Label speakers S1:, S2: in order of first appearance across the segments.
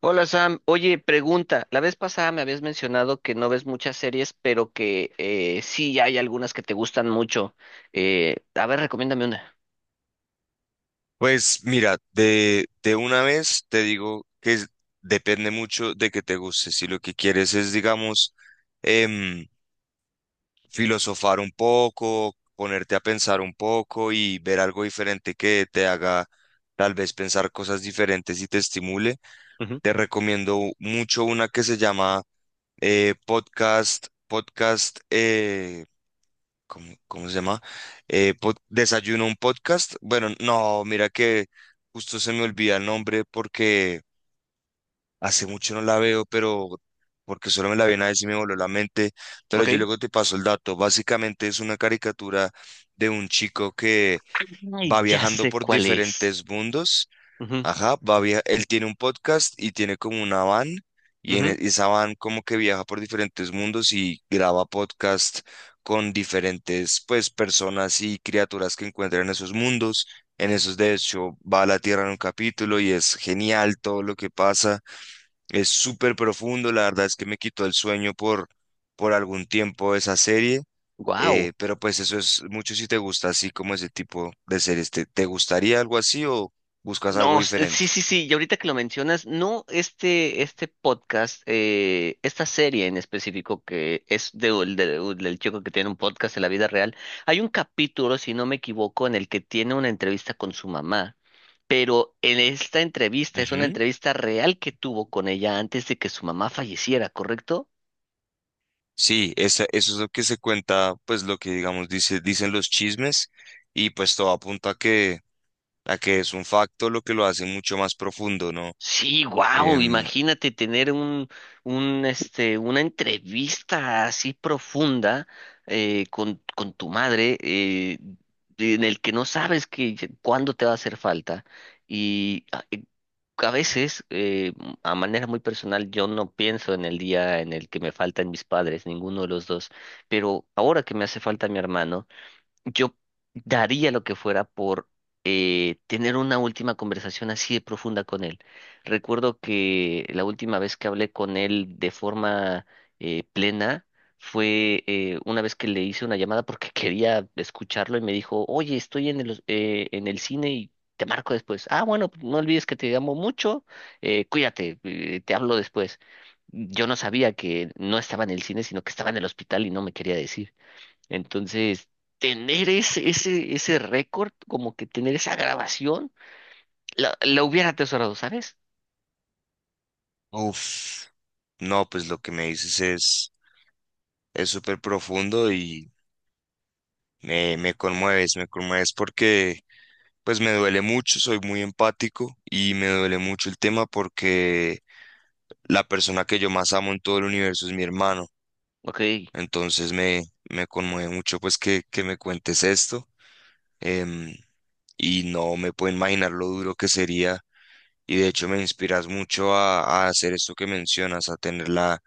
S1: Hola Sam, oye, pregunta, la vez pasada me habías mencionado que no ves muchas series, pero que sí hay algunas que te gustan mucho. A ver, recomiéndame una.
S2: Pues mira, de una vez te digo que depende mucho de que te guste. Si lo que quieres es, digamos, em, filosofar un poco, ponerte a pensar un poco y ver algo diferente que te haga tal vez pensar cosas diferentes y te estimule,
S1: Ujú.
S2: te recomiendo mucho una que se llama podcast, podcast, ¿cómo se llama? Desayuno un podcast. Bueno, no, mira que justo se me olvida el nombre porque hace mucho no la veo, porque solo me la vi una vez y me voló la mente. Pero yo
S1: Ok.
S2: luego te paso el dato. Básicamente es una caricatura de un chico que va
S1: Ay, ya
S2: viajando
S1: sé
S2: por
S1: cuál es.
S2: diferentes mundos. Ajá, él tiene un podcast y tiene como una van y en esa van como que viaja por diferentes mundos y graba podcast con diferentes pues personas y criaturas que encuentra en esos mundos. En esos de hecho va a la Tierra en un capítulo y es genial todo lo que pasa. Es súper profundo, la verdad es que me quitó el sueño por algún tiempo esa serie.
S1: Wow.
S2: Pero pues eso es mucho si te gusta así como ese tipo de series. ¿Te gustaría algo así o buscas algo
S1: No, s- sí,
S2: diferente?
S1: sí, sí, y ahorita que lo mencionas, no este podcast, esta serie en específico que es del chico que tiene un podcast en la vida real, hay un capítulo, si no me equivoco, en el que tiene una entrevista con su mamá, pero en esta entrevista es una
S2: Ujú.
S1: entrevista real que tuvo con ella antes de que su mamá falleciera, ¿correcto?
S2: Sí, eso es lo que se cuenta, pues lo que digamos dice, dicen los chismes y pues todo apunta a que es un facto lo que lo hace mucho más profundo, ¿no?
S1: Sí, wow,
S2: Em,
S1: imagínate tener una entrevista así profunda con tu madre, en el que no sabes cuándo te va a hacer falta. Y a, eh, a veces, a manera muy personal, yo no pienso en el día en el que me faltan mis padres, ninguno de los dos, pero ahora que me hace falta mi hermano. Yo daría lo que fuera por tener una última conversación así de profunda con él. Recuerdo que la última vez que hablé con él de forma plena fue una vez que le hice una llamada porque quería escucharlo y me dijo, oye, estoy en el cine y te marco después. Ah, bueno, no olvides que te amo mucho, cuídate, te hablo después. Yo no sabía que no estaba en el cine, sino que estaba en el hospital y no me quería decir. Entonces, tener ese récord, como que tener esa grabación, la hubiera atesorado, ¿sabes?
S2: Uf. No, pues lo que me dices es súper profundo y me conmueves, me conmueves porque pues me duele mucho, soy muy empático y me duele mucho el tema porque la persona que yo más amo en todo el universo es mi hermano.
S1: Ok, sí,
S2: Entonces me conmueve mucho pues que me cuentes esto, em, y no me puedo imaginar lo duro que sería, y de hecho me inspiras mucho a hacer esto que mencionas, a tener la,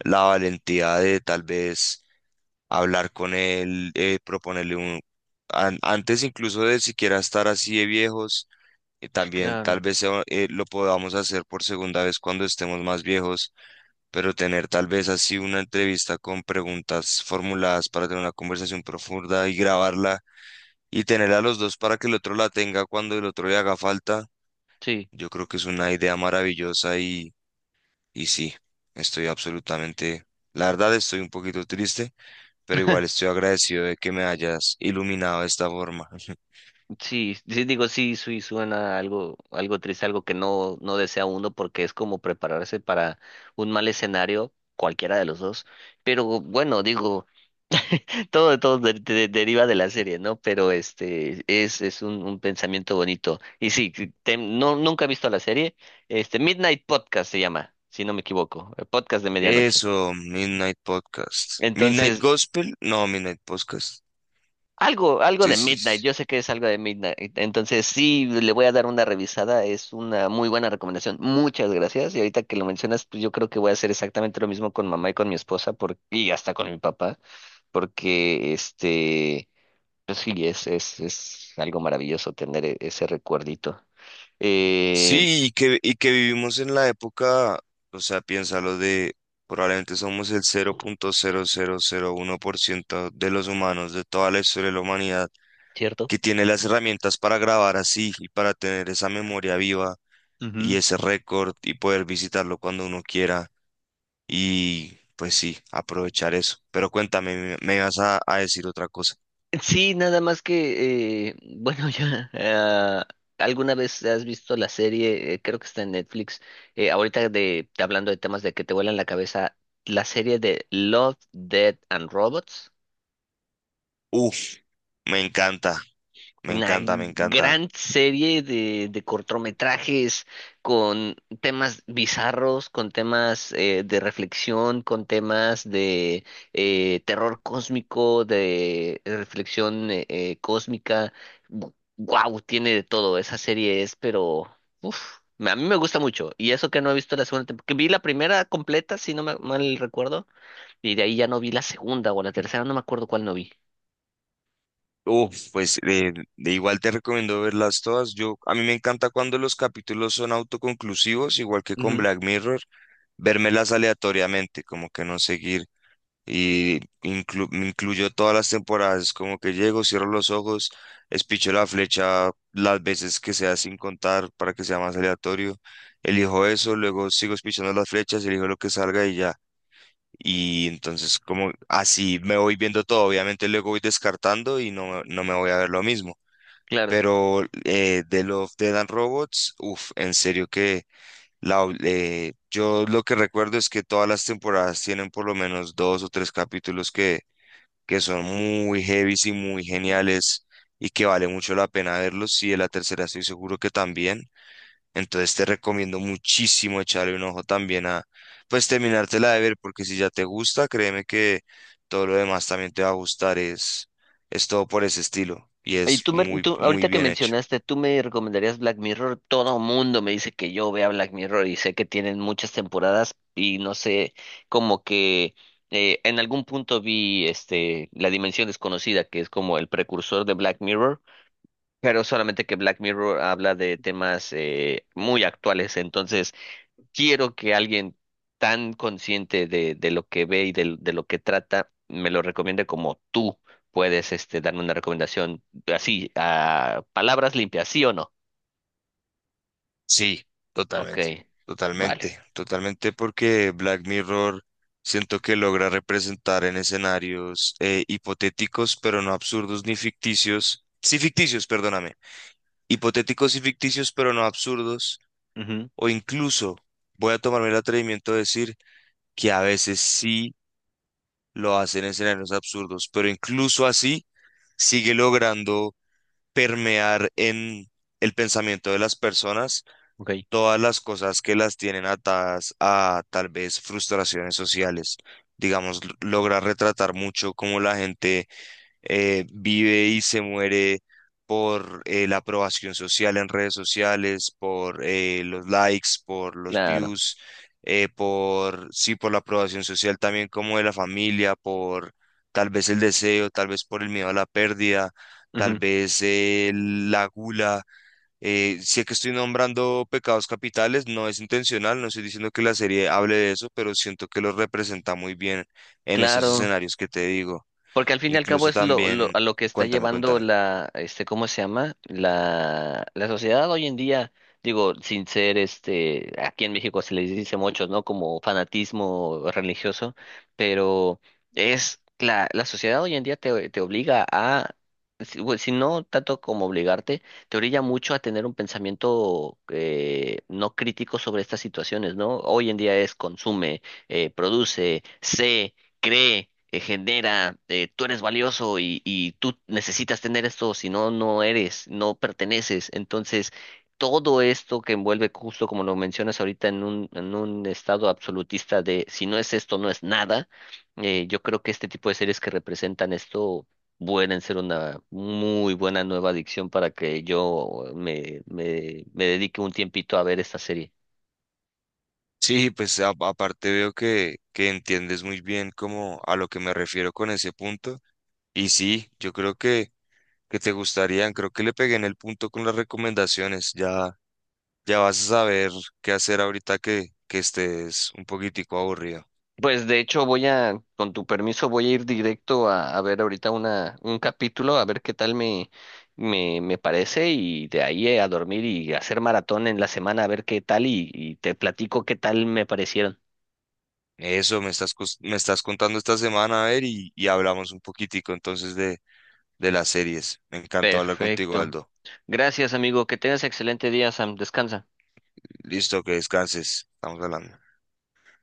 S2: la valentía de tal vez hablar con él, proponerle un. Antes incluso de siquiera estar así de viejos, también tal
S1: claro,
S2: vez sea, lo podamos hacer por segunda vez cuando estemos más viejos, pero tener tal vez así una entrevista con preguntas formuladas para tener una conversación profunda y grabarla y tener a los dos para que el otro la tenga cuando el otro le haga falta,
S1: sí.
S2: yo creo que es una idea maravillosa y sí, estoy absolutamente. La verdad estoy un poquito triste pero igual estoy agradecido de que me hayas iluminado de esta forma.
S1: Sí, sí, digo, sí, sí, suena algo triste, algo que no desea uno, porque es como prepararse para un mal escenario, cualquiera de los dos. Pero bueno, digo, deriva de la serie, ¿no? Pero este es un pensamiento bonito. Y sí, no, nunca he visto la serie. Este, Midnight Podcast se llama, si no me equivoco. El podcast de medianoche.
S2: Eso, Midnight Podcast. Midnight
S1: Entonces,
S2: Gospel, no, Midnight Podcast.
S1: algo
S2: Sí,
S1: de
S2: sí,
S1: Midnight.
S2: sí.
S1: Yo sé que es algo de Midnight. Entonces, sí, le voy a dar una revisada. Es una muy buena recomendación. Muchas gracias. Y ahorita que lo mencionas, pues yo creo que voy a hacer exactamente lo mismo con mamá y con mi esposa por, y hasta con mi papá. Porque este. Pero sí, es algo maravilloso tener ese recuerdito. Eh,
S2: Sí, y que vivimos en la época, o sea, piénsalo probablemente somos el 0.0001% de los humanos, de toda la historia de la humanidad,
S1: ¿Cierto?
S2: que tiene las herramientas para grabar así y para tener esa memoria viva y
S1: Ujú.
S2: ese récord y poder visitarlo cuando uno quiera. Y pues sí, aprovechar eso. Pero cuéntame, me vas a decir otra cosa.
S1: Sí, nada más que, bueno, ya, ah, ¿alguna vez has visto la serie? Creo que está en Netflix. Ahorita hablando de temas de que te vuelan la cabeza, la serie de Love, Dead and Robots.
S2: Uf, me encanta, me
S1: Una
S2: encanta, me encanta.
S1: gran serie de cortometrajes con temas bizarros, con temas de reflexión, con temas de terror cósmico, de reflexión cósmica. Wow, tiene de todo. Esa serie es, pero uf, a mí me gusta mucho. Y eso que no he visto la segunda temporada, que vi la primera completa, si no me mal recuerdo, y de ahí ya no vi la segunda o la tercera, no me acuerdo cuál no vi.
S2: Uf, pues de igual te recomiendo verlas todas. Yo, a mí me encanta cuando los capítulos son autoconclusivos, igual que con
S1: Ujú.
S2: Black Mirror, vérmelas aleatoriamente, como que no seguir me incluyó todas las temporadas, como que llego, cierro los ojos, espicho la flecha las veces que sea sin contar para que sea más aleatorio, elijo eso, luego sigo espichando las flechas, elijo lo que salga y ya. Y entonces como así me voy viendo todo, obviamente luego voy descartando y no, no me voy a ver lo mismo.
S1: Claro.
S2: Pero de Love, Dead and Robots, uff, en serio que yo lo que recuerdo es que todas las temporadas tienen por lo menos dos o tres capítulos que son muy heavy y muy geniales y que vale mucho la pena verlos. Y de la tercera estoy seguro que también. Entonces te recomiendo muchísimo echarle un ojo también pues terminártela de ver, porque si ya te gusta, créeme que todo lo demás también te va a gustar. Es todo por ese estilo y es muy, muy
S1: Ahorita que
S2: bien hecho.
S1: mencionaste, tú me recomendarías Black Mirror. Todo mundo me dice que yo vea Black Mirror y sé que tienen muchas temporadas y no sé, como que en algún punto vi este La Dimensión Desconocida, que es como el precursor de Black Mirror, pero solamente que Black Mirror habla de temas muy actuales. Entonces, quiero que alguien tan consciente de lo que ve y de lo que trata me lo recomiende como tú puedes este, darme una recomendación así, a palabras limpias, ¿sí o no?
S2: Sí,
S1: Ok,
S2: totalmente,
S1: vale.
S2: totalmente, totalmente porque Black Mirror siento que logra representar en escenarios hipotéticos, pero no absurdos ni ficticios. Sí, ficticios, perdóname. Hipotéticos y ficticios, pero no absurdos.
S1: Ujú.
S2: O incluso voy a tomarme el atrevimiento de decir que a veces sí lo hacen en escenarios absurdos, pero incluso así sigue logrando permear en el pensamiento de las personas
S1: Ok.
S2: todas las cosas que las tienen atadas a tal vez frustraciones sociales. Digamos, logra retratar mucho cómo la gente vive y se muere por la aprobación social en redes sociales, por los likes, por los
S1: Claro.
S2: views, por, sí, por la aprobación social también como de la familia, por tal vez el deseo, tal vez por el miedo a la pérdida, tal
S1: Ujú.
S2: vez la gula, sé que estoy nombrando pecados capitales, no es intencional, no estoy diciendo que la serie hable de eso, pero siento que lo representa muy bien en esos
S1: Claro.
S2: escenarios que te digo.
S1: Porque al fin y al cabo
S2: Incluso
S1: es
S2: también,
S1: a lo que está
S2: cuéntame,
S1: llevando
S2: cuéntame.
S1: la, este, ¿cómo se llama? La sociedad hoy en día, digo, sin ser este, aquí en México se les dice muchos, ¿no? Como fanatismo religioso, pero es la sociedad hoy en día te obliga a, si, bueno, si no tanto como obligarte, te orilla mucho a tener un pensamiento no crítico sobre estas situaciones, ¿no? Hoy en día es consume, produce, sé cree, genera, tú eres valioso y tú necesitas tener esto, si no, no eres, no perteneces. Entonces, todo esto que envuelve, justo como lo mencionas ahorita, en en un estado absolutista de si no es esto, no es nada, yo creo que este tipo de series que representan esto pueden ser una muy buena nueva adicción para que yo me dedique un tiempito a ver esta serie.
S2: Sí, pues aparte veo que entiendes muy bien como a lo que me refiero con ese punto. Y sí, yo creo que te gustarían, creo que le pegué en el punto con las recomendaciones. Ya, ya vas a saber qué hacer ahorita que estés un poquitico aburrido.
S1: Pues de hecho voy a, con tu permiso, voy a ir directo a ver ahorita un capítulo, a ver qué tal me parece y de ahí a dormir y hacer maratón en la semana, a ver qué tal y te platico qué tal me parecieron.
S2: Eso me estás contando esta semana, a ver, y hablamos un poquitico entonces de las series. Me encantó hablar contigo,
S1: Perfecto.
S2: Aldo.
S1: Gracias, amigo. Que tengas excelente día, Sam. Descansa.
S2: Listo, que descanses. Estamos hablando.